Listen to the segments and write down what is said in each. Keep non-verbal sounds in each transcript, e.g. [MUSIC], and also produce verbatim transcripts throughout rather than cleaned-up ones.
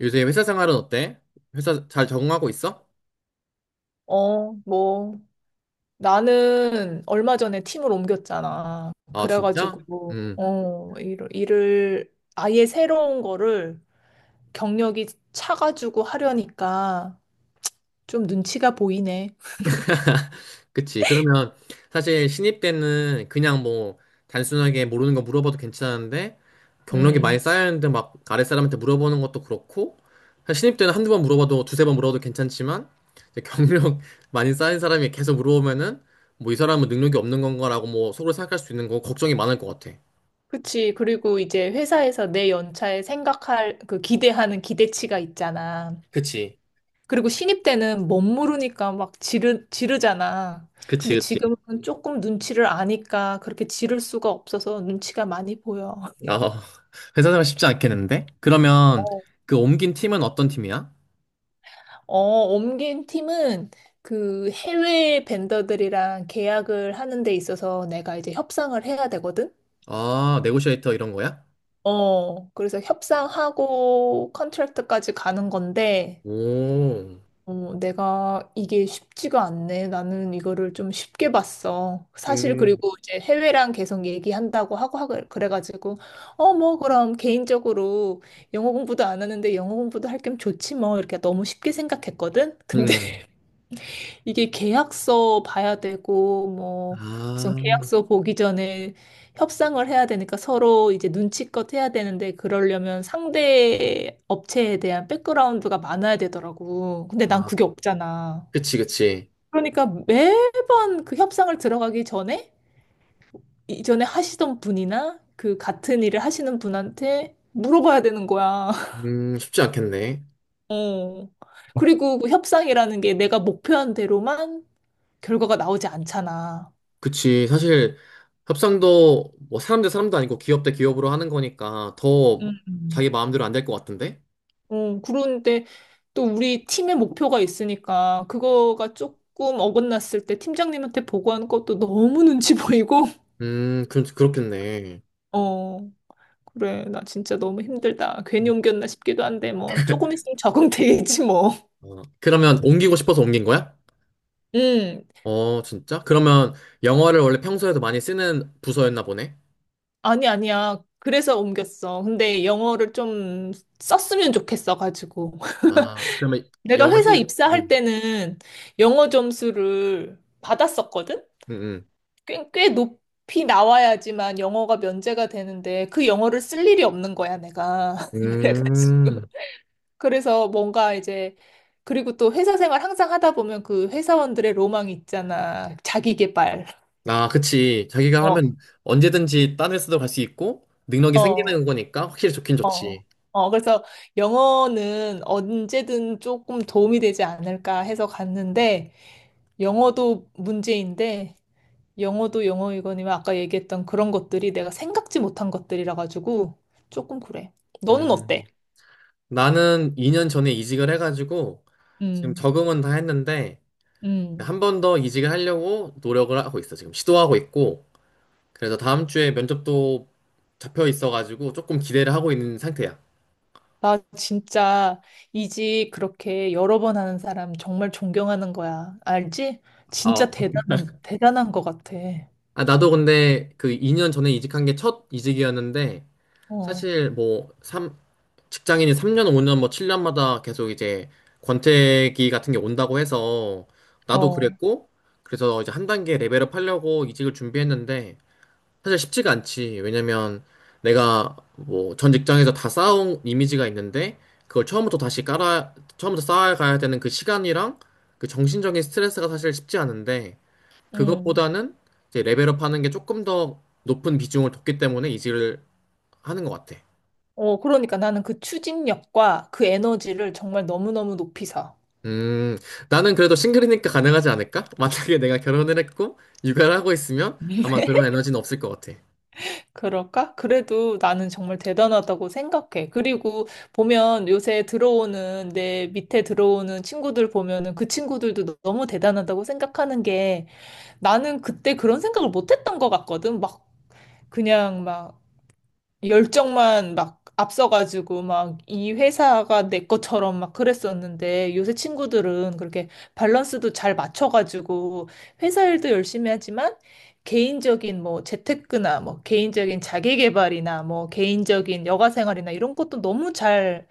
요새 회사 생활은 어때? 회사 잘 적응하고 있어? 어, 뭐, 나는 얼마 전에 팀을 옮겼잖아. 아, 진짜? 그래가지고, 음. 어, 일, 일을 아예 새로운 거를 경력이 차가지고 하려니까 좀 눈치가 보이네. [LAUGHS] 그치. 그러면 사실 신입 때는 그냥 뭐 단순하게 모르는 거 물어봐도 괜찮은데 경력이 많이 음, 쌓였는데 막 아랫 사람한테 물어보는 것도 그렇고 사실 신입 때는 한두 번 물어봐도 두세 번 물어도 괜찮지만 이제 경력 [LAUGHS] 많이 쌓인 사람이 계속 물어보면은 뭐 이 사람은 능력이 없는 건가라고 뭐 속으로 생각할 수 있는 거 걱정이 많을 것 같아. 그치. 그리고 이제 회사에서 내 연차에 생각할, 그 기대하는 기대치가 있잖아. 그치. 그리고 신입 때는 멋모르니까 막 지르, 지르잖아. 그치, 근데 그치. 지금은 조금 눈치를 아니까 그렇게 지를 수가 없어서 눈치가 많이 보여. 어, [LAUGHS] 회사 생활 쉽지 않겠는데? 그러면 어, 그 옮긴 팀은 어떤 팀이야? 어, 옮긴 팀은 그 해외 벤더들이랑 계약을 하는 데 있어서 내가 이제 협상을 해야 되거든? 아, 네고시에이터 이런 거야? 어, 그래서 협상하고 컨트랙트까지 가는 건데, 오, 어, 내가 이게 쉽지가 않네. 나는 이거를 좀 쉽게 봤어. 사실 음, 그리고 이제 해외랑 계속 얘기한다고 하고 하 그래가지고, 어, 뭐 그럼 개인적으로 영어 공부도 안 하는데 영어 공부도 할 겸 좋지 뭐 이렇게 너무 쉽게 생각했거든? [LAUGHS] 근데 음, 이게 계약서 봐야 되고, 뭐, 우선 아, 계약서 보기 전에 협상을 해야 되니까 서로 이제 눈치껏 해야 되는데, 그러려면 상대 업체에 대한 백그라운드가 많아야 되더라고. 근데 난 아, 그게 없잖아. 그치, 그치. 그러니까 매번 그 협상을 들어가기 전에, 이전에 하시던 분이나 그 같은 일을 하시는 분한테 물어봐야 되는 거야. [LAUGHS] 음, 쉽지 않겠네. 어. 그리고 그 협상이라는 게 내가 목표한 대로만 결과가 나오지 않잖아. 그치, 사실 협상도 뭐 사람 대 사람도 아니고 기업 대 기업으로 하는 거니까 더 음. 자기 마음대로 안 될 것 같은데? 어, 그런데 또 우리 팀의 목표가 있으니까 그거가 조금 어긋났을 때 팀장님한테 보고하는 것도 너무 눈치 [LAUGHS] 보이고, 음, 그, 그렇겠네. 어, 그래, 나 진짜 너무 힘들다. 괜히 옮겼나 싶기도 한데, 뭐, 조금 있으면 적응되겠지, 뭐. 어, 그러면 옮기고 싶어서 옮긴 거야? [LAUGHS] 음, 어, 진짜? 그러면 영어를 원래 평소에도 많이 쓰는 부서였나 보네? 아니, 아니야. 그래서 옮겼어. 근데 영어를 좀 썼으면 좋겠어 가지고. [LAUGHS] 아, 그러면 내가 영어 회사 실, 음, 입사할 때는 영어 점수를 받았었거든? 음, 꽤, 꽤 높이 나와야지만 영어가 면제가 되는데 그 영어를 쓸 일이 없는 거야, 내가. [LAUGHS] 그래가지고. 음. 음. 그래서 뭔가 이제 그리고 또 회사 생활 항상 하다 보면 그 회사원들의 로망이 있잖아. 자기 개발. 아, 그치. 자기가 어, 하면 언제든지 딴 회사도 갈 수 있고, 능력이 어, 생기는 거니까 확실히 좋긴 어. 좋지. 어, 그래서 영어는 언제든 조금 도움이 되지 않을까 해서 갔는데 영어도 문제인데 영어도 영어이거니와 아까 얘기했던 그런 것들이 내가 생각지 못한 것들이라 가지고 조금 그래. 너는 어때? 음. 나는 이 년 전에 이직을 해가지고, 지금 음, 적응은 다 했는데, 음. 한 번 더 이직을 하려고 노력을 하고 있어. 지금 시도하고 있고, 그래서 다음 주에 면접도 잡혀 있어가지고, 조금 기대를 하고 있는 상태야. 나 진짜 이직 그렇게 여러 번 하는 사람 정말 존경하는 거야. 알지? 어. 진짜 대단한, 대단한 것 같아. 아, 아, 나도 근데 그 이 년 전에 이직한 게 첫 이직이었는데, 어, 사실 뭐 삼, 직장인이 삼 년, 오 년, 뭐 칠 년마다 계속 이제 권태기 같은 게 온다고 해서 나도 어, 그랬고 그래서 이제 한 단계 레벨업 하려고 이직을 준비했는데 사실 쉽지가 않지. 왜냐면 내가 뭐 전 직장에서 다 쌓아온 이미지가 있는데 그걸 처음부터 다시 깔아 처음부터 쌓아가야 되는 그 시간이랑 그 정신적인 스트레스가 사실 쉽지 않은데 음. 그것보다는 이제 레벨업 하는 게 조금 더 높은 비중을 뒀기 때문에 이직을 하는 것 같아. 어, 그러니까 나는 그 추진력과 그 에너지를 정말 너무너무 높이 사. 음, 나는 그래도 싱글이니까 가능하지 않을까? 만약에 내가 결혼을 했고 육아를 하고 있으면 아마 [LAUGHS] 그런 에너지는 없을 것 같아. 그럴까? 그래도 나는 정말 대단하다고 생각해. 그리고 보면 요새 들어오는 내 밑에 들어오는 친구들 보면은 그 친구들도 너- 너무 대단하다고 생각하는 게 나는 그때 그런 생각을 못 했던 것 같거든. 막 그냥 막 열정만 막 앞서가지고 막 이 회사가 내 것처럼 막 그랬었는데 요새 친구들은 그렇게 밸런스도 잘 맞춰가지고 회사 일도 열심히 하지만 개인적인 뭐 재테크나 뭐 개인적인 자기 개발이나 뭐 개인적인 여가 생활이나 이런 것도 너무 잘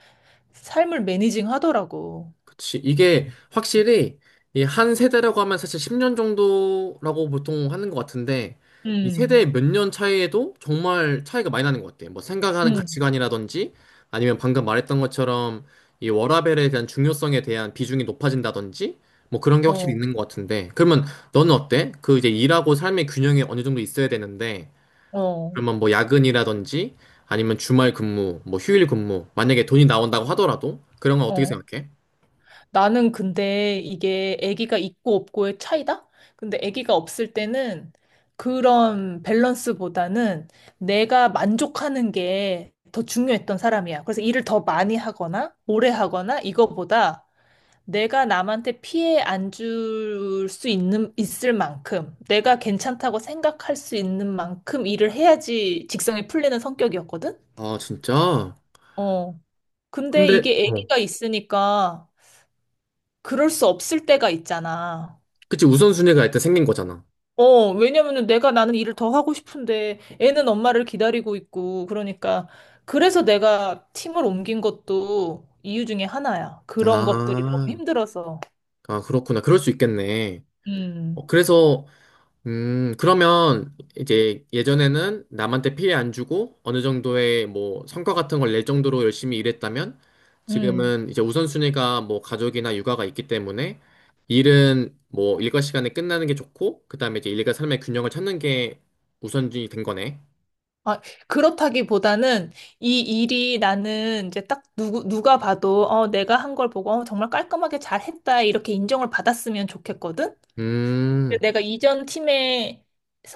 삶을 매니징 하더라고. 그치. 이게 확실히 이 한 세대라고 하면 사실 십 년 정도라고 보통 하는 것 같은데 이 음, 세대의 몇 년 차이에도 정말 차이가 많이 나는 것 같아. 뭐 생각하는 음, 가치관이라든지 아니면 방금 말했던 것처럼 이 워라밸에 대한 중요성에 대한 비중이 높아진다든지 뭐 그런 게 확실히 어, 있는 것 같은데 그러면 너는 어때? 그 이제 일하고 삶의 균형이 어느 정도 있어야 되는데 어, 그러면 뭐 야근이라든지 아니면 주말 근무, 뭐 휴일 근무, 만약에 돈이 나온다고 하더라도 그런 건 어떻게 어. 생각해? 나는 근데 이게 아기가 있고 없고의 차이다? 근데 아기가 없을 때는 그런 밸런스보다는 내가 만족하는 게 더 중요했던 사람이야. 그래서 일을 더 많이 하거나 오래 하거나 이거보다 내가 남한테 피해 안 줄 수 있는 있을 만큼 내가 괜찮다고 생각할 수 있는 만큼 일을 해야지 직성이 풀리는 성격이었거든. 아, 진짜? 어. 근데 근데, 이게 어. 아기가 있으니까 그럴 수 없을 때가 있잖아. 그치, 우선순위가 일단 생긴 거잖아. 어, 왜냐면은 내가 나는 일을 더 하고 싶은데 애는 엄마를 기다리고 있고 그러니까 그래서 내가 팀을 옮긴 것도 이유 중에 하나야. 그런 것들이 너무 아, 힘들어서. 아, 그렇구나. 그럴 수 있겠네. 음, 어, 그래서 음, 그러면 이제 예전에는 남한테 피해 안 주고 어느 정도의 뭐 성과 같은 걸 낼 정도로 열심히 일했다면 음. 지금은 이제 우선순위가 뭐 가족이나 육아가 있기 때문에 일은 뭐 일과 시간에 끝나는 게 좋고 그다음에 이제 일과 삶의 균형을 찾는 게 우선순위 된 거네. 아, 그렇다기보다는 이 일이 나는 이제 딱 누구, 누가 봐도 어, 내가 한 걸 보고 어, 정말 깔끔하게 잘 했다 이렇게 인정을 받았으면 좋겠거든? 음, 내가 이전 팀에서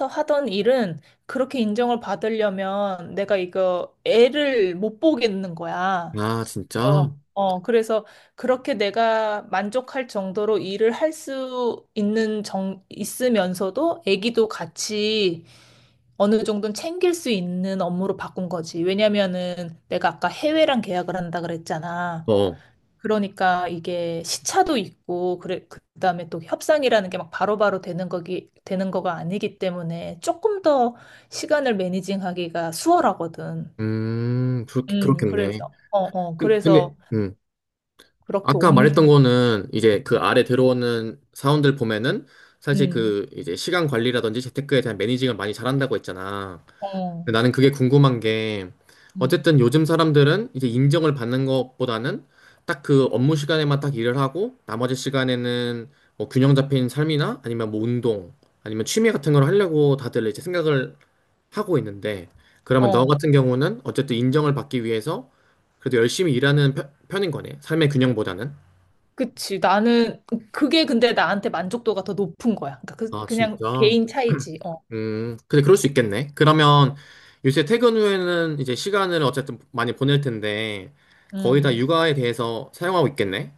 하던 일은 그렇게 인정을 받으려면 내가 이거 애를 못 보겠는 거야. 아, 진짜? 그래서, 어, 그래서 그렇게 내가 만족할 정도로 일을 할 수 있는 정, 있으면서도 애기도 같이 어느 정도는 챙길 수 있는 업무로 바꾼 거지. 왜냐면은 내가 아까 해외랑 계약을 한다 그랬잖아. 어, 그러니까 이게 시차도 있고 그래 그다음에 또 협상이라는 게 막 바로바로 되는 거기 되는 거가 아니기 때문에 조금 더 시간을 매니징하기가 수월하거든. 음, 그렇게, 음, 그렇겠네. 그래서 어, 어, 근- 근데, 그래서 음. 그렇게 아까 말했던 옮기 거는 이제 그 아래 들어오는 사원들 보면은 사실 음. 그 이제 시간 관리라든지 재테크에 대한 매니징을 많이 잘한다고 했잖아. 어. 근데 나는 그게 궁금한 게 음. 어쨌든 요즘 사람들은 이제 인정을 받는 것보다는 딱 그 업무 시간에만 딱 일을 하고 나머지 시간에는 뭐 균형 잡힌 삶이나 아니면 뭐 운동 아니면 취미 같은 걸 하려고 다들 이제 생각을 하고 있는데 그러면 너 어. 같은 경우는 어쨌든 인정을 받기 위해서 그래도 열심히 일하는 편- 편인 거네. 삶의 균형보다는. 그치. 나는 그게 근데 나한테 만족도가 더 높은 거야. 그러니까 그, 아, 그냥 진짜? 개인 차이지. 어. 음, 근데 그럴 수 있겠네. 그러면 요새 퇴근 후에는 이제 시간을 어쨌든 많이 보낼 텐데 거의 다 음. 육아에 대해서 사용하고 있겠네.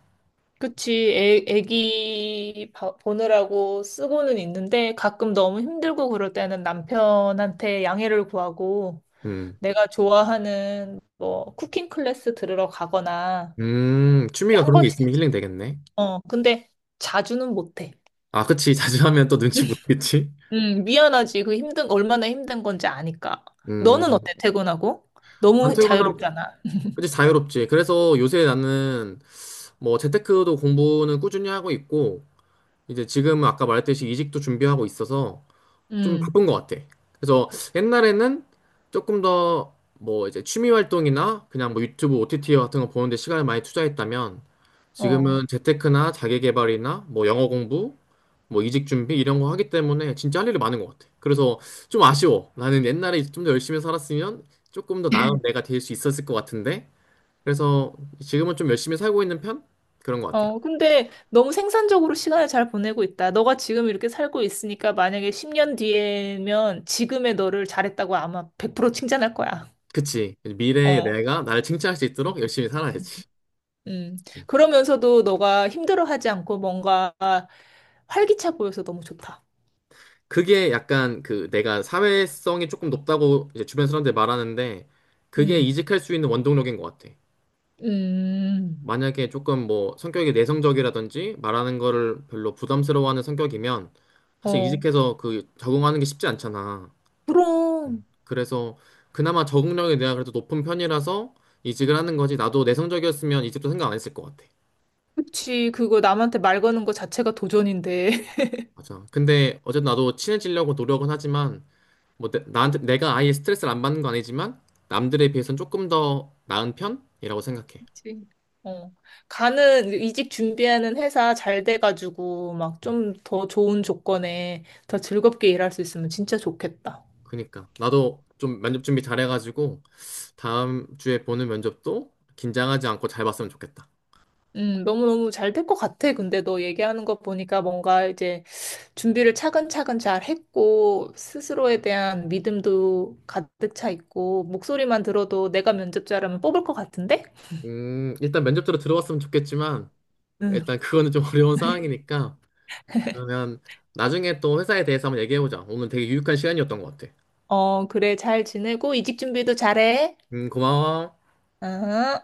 그치, 애, 애기 봐- 보느라고 쓰고는 있는데 가끔 너무 힘들고 그럴 때는 남편한테 양해를 구하고 음, 내가 좋아하는 뭐 쿠킹 클래스 들으러 가거나 음, 이렇게 취미가 한 그런 게 번씩, 있으면 [LAUGHS] 힐링 되겠네. 어, 근데 자주는 못해. 아, 그치. [LAUGHS] 자주 하면 또 눈치 보겠지. 음, 미안하지. 그 힘든, 얼마나 힘든 건지 아니까. 너는 음, 어때, 퇴근하고? 안 너무 퇴근하고, 자유롭잖아. 그치. 자유롭지. 그래서 요새 나는 뭐 재테크도 공부는 꾸준히 하고 있고 이제 지금은 아까 말했듯이 이직도 준비하고 있어서 좀 음, 바쁜 것 같아. 그래서 옛날에는 조금 더 뭐 이제 취미 활동이나 그냥 뭐 유튜브 오티티 같은 거 보는데 시간을 많이 투자했다면 어. 지금은 재테크나 자기 개발이나 뭐 영어 공부, 뭐 이직 준비 이런 거 하기 때문에 진짜 할 일이 많은 것 같아. 그래서 좀 아쉬워. 나는 옛날에 좀 더 열심히 살았으면 조금 더 나은 내가 될 수 있었을 것 같은데. 그래서 지금은 좀 열심히 살고 있는 편? 그런 것 같아. 어, 근데 너무 생산적으로 시간을 잘 보내고 있다. 너가 지금 이렇게 살고 있으니까 만약에 십 년 뒤에면 지금의 너를 잘했다고 아마 백 퍼센트 칭찬할 거야. 그치. 미래의 어. 내가 나를 칭찬할 수 있도록 열심히 살아야지. 음. 그러면서도 너가 힘들어하지 않고 뭔가 활기차 보여서 너무 좋다. 그게 약간 그 내가 사회성이 조금 높다고 이제 주변 사람들 말하는데 그게 음. 이직할 수 있는 원동력인 것 같아. 음. 만약에 조금 뭐 성격이 내성적이라든지 말하는 거를 별로 부담스러워하는 성격이면 사실 어. 이직해서 그 적응하는 게 쉽지 않잖아. 그럼. 그래서 그나마 적응력이 내가 그래도 높은 편이라서 이직을 하는 거지. 나도 내성적이었으면 이직도 생각 안 했을 것 같아. 그치. 그거 남한테 말 거는 거 자체가 도전인데. 맞아. 근데 어쨌든 나도 친해지려고 노력은 하지만 뭐 내, 나한테 내가 아예 스트레스를 안 받는 건 아니지만 남들에 비해선 조금 더 나은 편이라고 생각해. 그치. 어. 가는, 이직 준비하는 회사 잘 돼가지고, 막 좀 더 좋은 조건에 더 즐겁게 일할 수 있으면 진짜 좋겠다. 그니까 나도 좀 면접 준비 잘해가지고 다음 주에 보는 면접도 긴장하지 않고 잘 봤으면 좋겠다. 음, 너무너무 잘 될 것 같아. 근데 너 얘기하는 거 보니까 뭔가 이제 준비를 차근차근 잘 했고, 스스로에 대한 믿음도 가득 차 있고, 목소리만 들어도 내가 면접자라면 뽑을 것 같은데? 음, 일단 면접대로 들어왔으면 좋겠지만 응. 일단 그거는 좀 [LAUGHS] 어려운 [LAUGHS] 상황이니까 그러면 나중에 또 회사에 대해서 한번 얘기해보자. 오늘 되게 유익한 시간이었던 것 같아. 어, 그래. 잘 지내고, 이직 준비도 잘해. 음, 고마워. 응.